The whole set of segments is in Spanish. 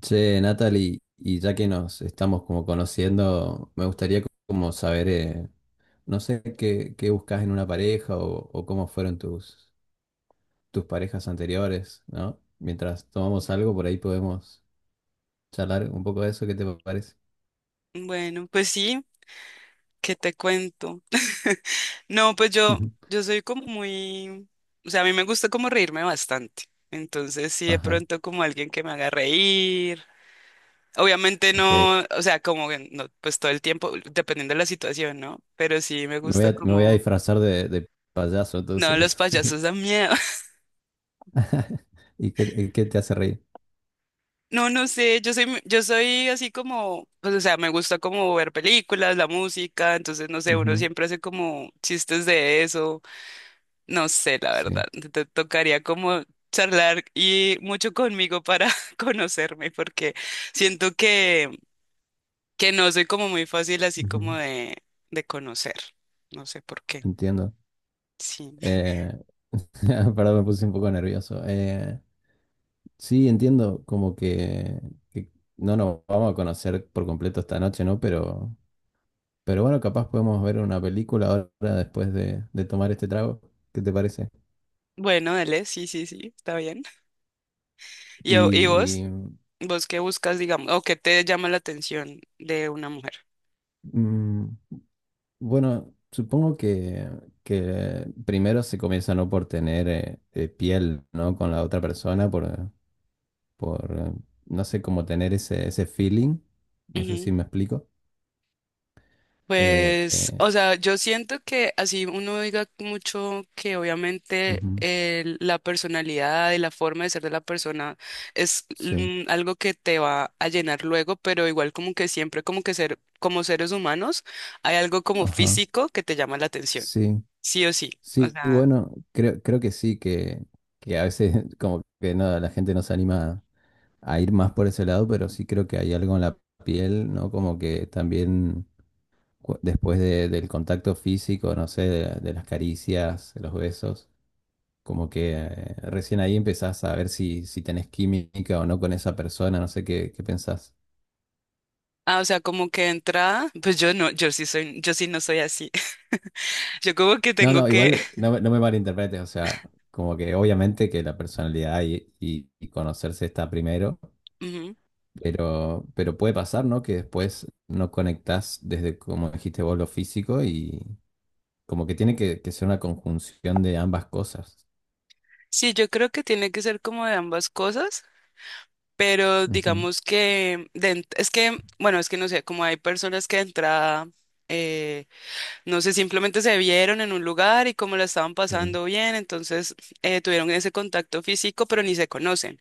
Che, Natalie, y ya que nos estamos como conociendo, me gustaría como saber, no sé, qué buscas en una pareja o cómo fueron tus parejas anteriores, ¿no? Mientras tomamos algo, por ahí podemos charlar un poco de eso, ¿qué te parece? Bueno, pues sí, ¿qué te cuento? No, pues yo, Ujú. yo soy como muy, o sea, a mí me gusta como reírme bastante. Entonces, sí, de Ajá, pronto como alguien que me haga reír. Obviamente ok. no, o sea, como que no, pues todo el tiempo, dependiendo de la situación, ¿no? Pero sí me gusta Me voy a como, disfrazar de payaso, no, los entonces. payasos dan miedo. Y qué te hace reír? No, no sé, yo soy así como, pues, o sea, me gusta como ver películas, la música, entonces, no sé, uno Ujú. siempre hace como chistes de eso. No sé, la verdad. Sí, Te tocaría como charlar y mucho conmigo para conocerme, porque siento que no soy como muy fácil así como ujú. de conocer. No sé por qué. Entiendo. Sí. Eh, Perdón, me puse un poco nervioso. Sí, entiendo, como que no nos vamos a conocer por completo esta noche, ¿no? Pero bueno, capaz podemos ver una película ahora después de tomar este trago. ¿Qué te parece? Bueno, dale, sí, sí, sí, está bien. ¿Y vos? Y ¿Vos qué buscas, digamos, o qué te llama la atención de una mujer? mm, bueno, supongo que primero se comienza no por tener piel, ¿no? Con la otra persona, por no sé, cómo tener ese feeling. No sé si me explico. Eh, Pues, eh, o sea, yo siento que así uno diga mucho que obviamente ujú, la personalidad y la forma de ser de la persona es sí, algo que te va a llenar luego, pero igual como que siempre como que ser, como seres humanos, hay algo como ajá, físico que te llama la atención, sí. sí o sí. O Sí, sea, bueno, creo que sí, que a veces como que no, la gente no se anima a ir más por ese lado, pero sí creo que hay algo en la piel, ¿no? Como que también después del contacto físico, no sé, de las caricias, de los besos, como que recién ahí empezás a ver si, si tenés química o no con esa persona, no sé qué, qué pensás. ah, o sea, como que de entrada, pues yo sí no soy así. Yo como que No, tengo no, que, igual no, me no me malinterpretes, o sea, como que obviamente que la personalidad y y conocerse está primero. ujú. Pero puede pasar, ¿no? Que después no conectás desde, como dijiste vos, lo físico y como que tiene que ser una conjunción de ambas cosas. Sí, yo creo que tiene que ser como de ambas cosas. Pero Ujú. digamos que es que, bueno, es que no sé, como hay personas que de entrada, eh, no sé, simplemente se vieron en un lugar y como la estaban Sí. pasando bien, entonces tuvieron ese contacto físico, pero ni se conocen.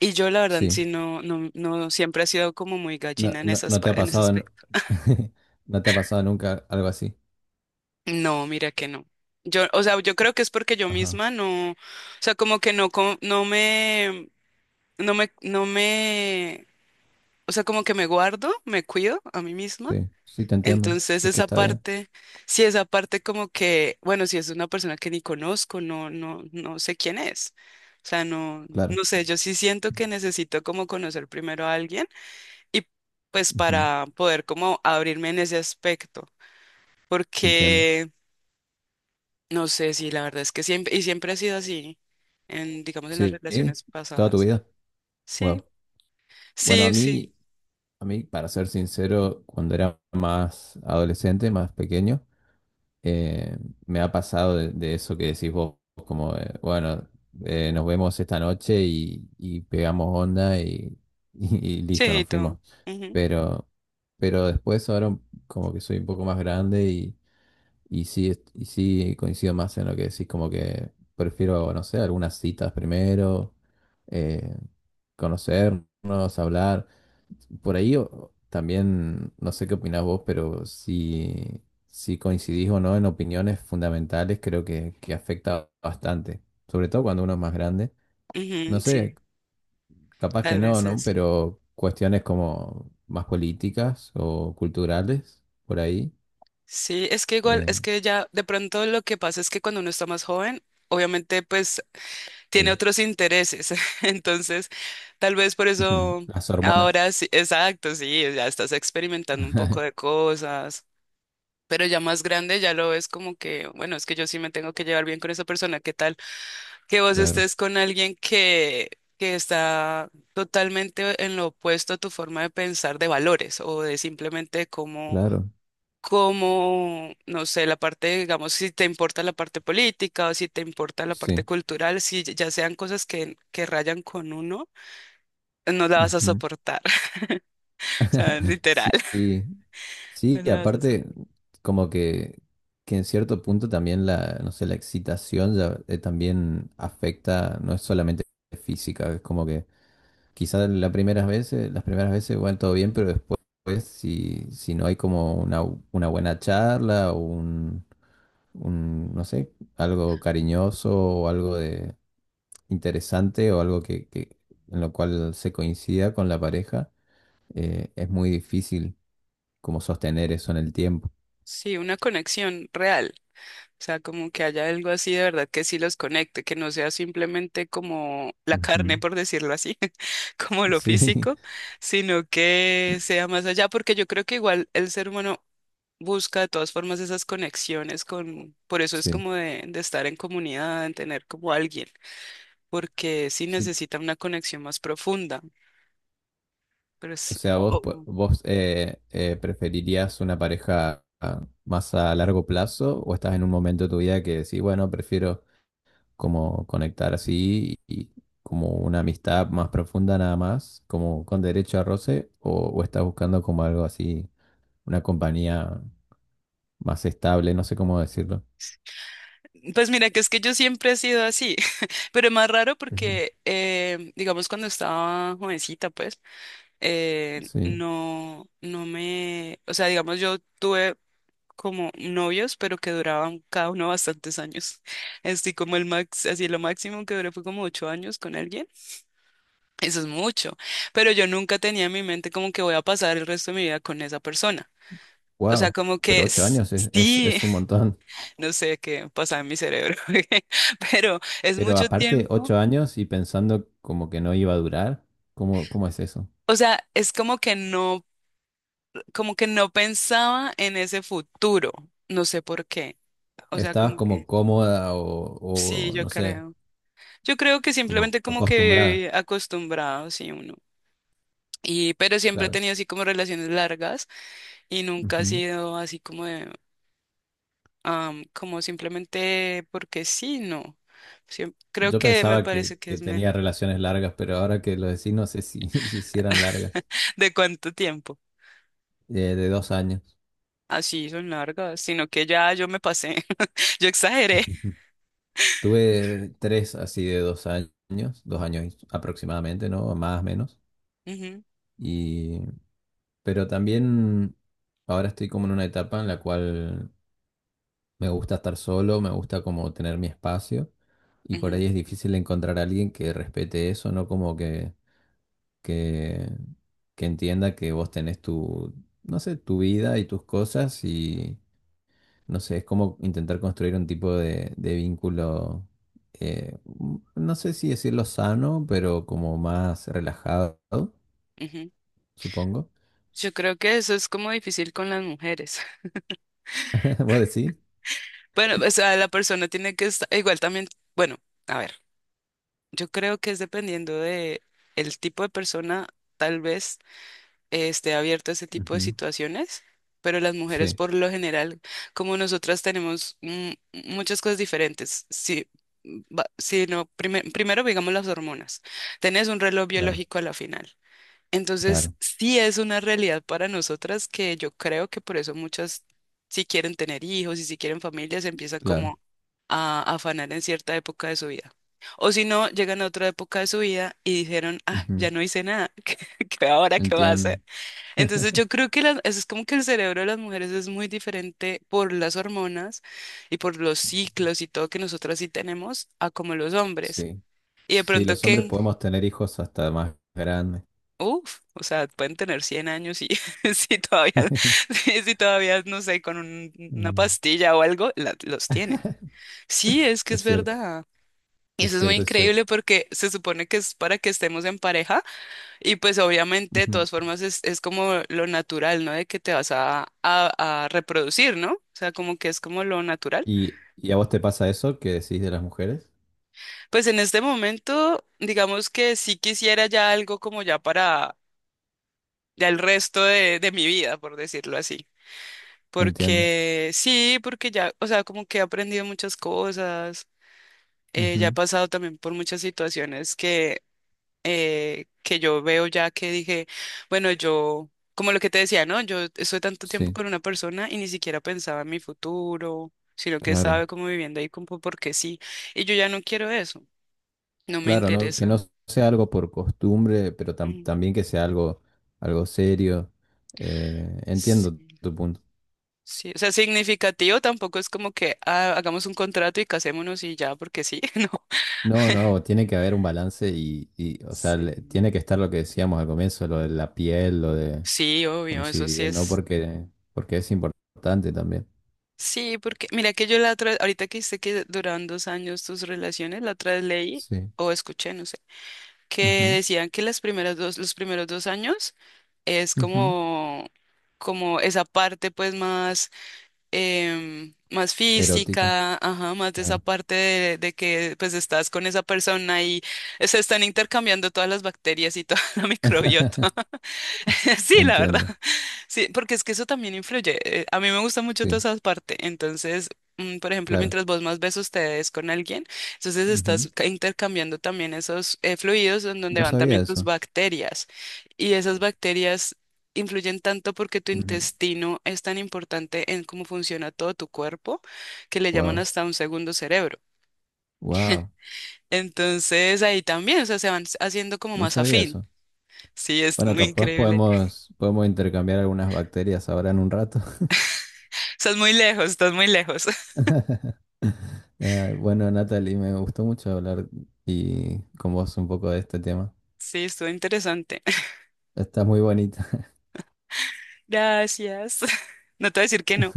Y yo la verdad Sí. sí no siempre he sido como muy No, gallina en no, esas, no te ha en ese pasado, aspecto. no te ha pasado nunca algo así. No, mira que no. Yo, o sea, yo creo que es porque yo Ajá. misma no, o sea, como que no, no me, o sea, como que me guardo, me cuido a mí misma. Sí, sí, te entiendo. Entonces Es que esa está bien, parte, sí, esa parte como que, bueno, si es una persona que ni conozco, no, no, no sé quién es. O sea, no, claro. no sé, yo sí siento que necesito como conocer primero a alguien y pues Ujú. para poder como abrirme en ese aspecto, Entiendo. porque no sé si la verdad es que siempre, y siempre ha sido así, en, digamos, en las Sí, ¿eh? relaciones Toda tu pasadas. vida. Sí, Wow. Bueno, sí, sí, a mí, para ser sincero, cuando era más adolescente, más pequeño, eh, me ha pasado de eso que decís vos, como, bueno, nos vemos esta noche y pegamos onda y, y sí, listo, y nos todo. fuimos. Ujú, Pero, pero después ahora como que soy un poco más grande y sí, y sí coincido más en lo que decís, como que prefiero, no sé, algunas citas primero, eh, conocernos, hablar. Por ahí también, no sé qué opinás vos, pero si, si coincidís o no en opiniones fundamentales, creo que afecta bastante, sobre todo cuando uno es más grande. No ujú, sé, sí, capaz que tal no, vez ¿no? eso. Pero cuestiones como más políticas o culturales, por ahí. Sí, es que igual, eh, es que ya de pronto lo que pasa es que cuando uno está más joven, obviamente pues tiene sí. otros intereses. Entonces, tal vez por eso Las hormonas. ahora sí, exacto, sí, ya estás experimentando un poco de cosas, pero ya más grande ya lo ves como que, bueno, es que yo sí me tengo que llevar bien con esa persona. ¿Qué tal que vos Claro, estés con alguien que está totalmente en lo opuesto a tu forma de pensar de valores o de simplemente cómo claro, como, no sé, la parte, digamos, si te importa la parte política o si te importa la parte sí. cultural, si ya sean cosas que rayan con uno, no la vas a Ujú. soportar, o sea, literal, Sí, no sí, y la vas a aparte, soportar. como que en cierto punto también la, no sé, la excitación ya, también afecta, no es solamente física, es como que quizás las primeras veces, bueno, todo bien, pero después, pues, si, si no hay como una buena charla o un, no sé, algo cariñoso o algo de interesante o algo en lo cual se coincida con la pareja, es muy difícil como sostener eso en el tiempo. Sí, una conexión real, o sea, como que haya algo así de verdad que sí los conecte, que no sea simplemente como la carne, Ujú. por decirlo así, como lo Sí, físico, sino que sea más allá, porque yo creo que igual el ser humano busca de todas formas esas conexiones con, por eso es sí, como de, estar en comunidad, en tener como alguien, porque sí sí. necesita una conexión más profunda. Pero O es, sea, vos, vos preferirías una pareja más a largo plazo o estás en un momento de tu vida que decís, bueno, prefiero como conectar así y como una amistad más profunda nada más, como con derecho a roce, o estás buscando como algo así, una compañía más estable, no sé cómo decirlo. pues mira, que es que yo siempre he sido así, pero es más raro Ujú. porque, digamos, cuando estaba jovencita, pues, Sí, no, no me, o sea, digamos, yo tuve como novios, pero que duraban cada uno bastantes años. Estoy como el max, así lo máximo que duré fue como 8 años con alguien. Eso es mucho, pero yo nunca tenía en mi mente como que voy a pasar el resto de mi vida con esa persona. O sea, wow, como que pero ocho s- años sí, es un montón. no sé qué pasa en mi cerebro, pero es Pero mucho aparte, tiempo. 8 años y pensando como que no iba a durar, ¿cómo, cómo es eso? O sea, es como que no pensaba en ese futuro. No sé por qué. O sea, Estabas como que como cómoda sí, o, yo no sé, creo. Yo creo que como simplemente como acostumbrada, que acostumbrado, sí, uno. Y, pero siempre he claro. tenido así como relaciones largas y nunca ha Ujú. sido así como de como simplemente porque sí, no. Creo Yo que me pensaba parece que que es tenía mejor. relaciones largas, pero ahora que lo decís, no sé si, si hicieran largas, ¿De cuánto tiempo? De 2 años. Así son largas, sino que ya yo me pasé, yo exageré. Ujú. Tuve tres así de 2 años, 2 años aproximadamente, ¿no? Más o menos. Ujú, Y, pero también ahora estoy como en una etapa en la cual me gusta estar solo, me gusta como tener mi espacio y por ujú, ahí es difícil encontrar a alguien que respete eso, ¿no? Como que que entienda que vos tenés tu, no sé, tu vida y tus cosas y, no sé, es como intentar construir un tipo de vínculo, no sé si decirlo sano, pero como más relajado, ujú. supongo. Yo creo que eso es como difícil con las mujeres. ¿Vos decís? Bueno, o sea, la persona tiene que estar, igual también, bueno, a ver, yo creo que es dependiendo de el tipo de persona, tal vez. Esté abierto a ese tipo de Ujú. situaciones, pero las mujeres Sí, por lo general, como nosotras tenemos muchas cosas diferentes, si, si no, primero digamos las hormonas, tenés un reloj claro, biológico a la final. Entonces, claro, sí es una realidad para nosotras que yo creo que por eso muchas, si quieren tener hijos y si quieren familias, empiezan claro. como a afanar en cierta época de su vida. O si no, llegan a otra época de su vida y dijeron, ah, ya Ujú. no hice nada, ¿qué, ahora qué va a hacer? Entiendo. Entonces yo creo que eso es como que el cerebro de las mujeres es muy diferente por las hormonas y por los ciclos y todo que nosotros sí tenemos a como los hombres. Sí, Y de sí, pronto los hombres que, podemos tener hijos hasta más grandes. uff, o sea, pueden tener 100 años y si todavía, si todavía, no sé, con una Mm. pastilla o algo, los tienen. Sí, es que Es es cierto, verdad. Y es eso es muy cierto, es cierto. increíble porque se supone que es para que estemos en pareja. Y pues obviamente, de Ujú. todas formas, es como lo natural, ¿no? De que te vas a, reproducir, ¿no? O sea, como que es como lo natural. Y a vos te pasa eso que decís de las mujeres? Pues en este momento, digamos que sí quisiera ya algo como ya para ya el resto de mi vida, por decirlo así. Entiendo. Porque sí, porque ya, o sea, como que he aprendido muchas cosas, ya he Ujú. pasado también por muchas situaciones que yo veo ya que dije, bueno, yo, como lo que te decía, ¿no? Yo estoy tanto tiempo Sí, con una persona y ni siquiera pensaba en mi futuro, sino que claro. estaba como viviendo ahí como porque sí, y yo ya no quiero eso, no me Claro, ¿no? Que no interesa. sea algo por costumbre, pero Mm, también que sea algo, algo serio. Entiendo Sí, tu punto. sí, o sea, significativo tampoco es como que ah, hagamos un contrato y casémonos y ya, porque sí, no. No, no, tiene que haber un balance y, o sea, Sí. tiene que estar lo que decíamos al comienzo, lo de la piel, lo de Sí, obvio, eso sí coincidir, ¿no? es. Porque, porque es importante también. Sí, porque mira que yo la otra, ahorita que dijiste que duraban 2 años tus relaciones, la otra vez leí Sí. o escuché, no sé que Ujú, decían que las primeras dos, los primeros 2 años es ujú. como, esa parte pues más, más Erótica, física, ajá, más de esa claro. parte de que pues estás con esa persona y se están intercambiando todas las bacterias y toda la microbiota. Sí, la verdad. Entiendo. Sí, porque es que eso también influye. A mí me gusta mucho toda Sí, esa parte. Entonces, por ejemplo, claro. mientras vos más besos te des con alguien, entonces Ujú. estás intercambiando también esos fluidos en donde No van sabía también tus eso. bacterias. Y esas bacterias influyen tanto porque tu intestino es tan importante en cómo funciona todo tu cuerpo que le llaman Wow, hasta un segundo cerebro. wow. Entonces, ahí también, o sea, se van haciendo como No más sabía afín. eso. Sí, es Bueno, muy capaz increíble. Podemos intercambiar algunas bacterias ahora en un rato. Estás muy lejos, estás muy lejos. Ah, bueno, Natalie, me gustó mucho hablar y con vos un poco de este tema. Sí, estuvo interesante. Está muy bonita. Gracias. No te voy a decir que no.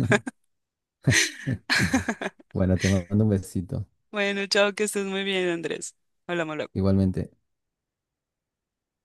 Bueno, te mando un besito. Bueno, chao, que estés muy bien, Andrés. Hablamos luego. Igualmente.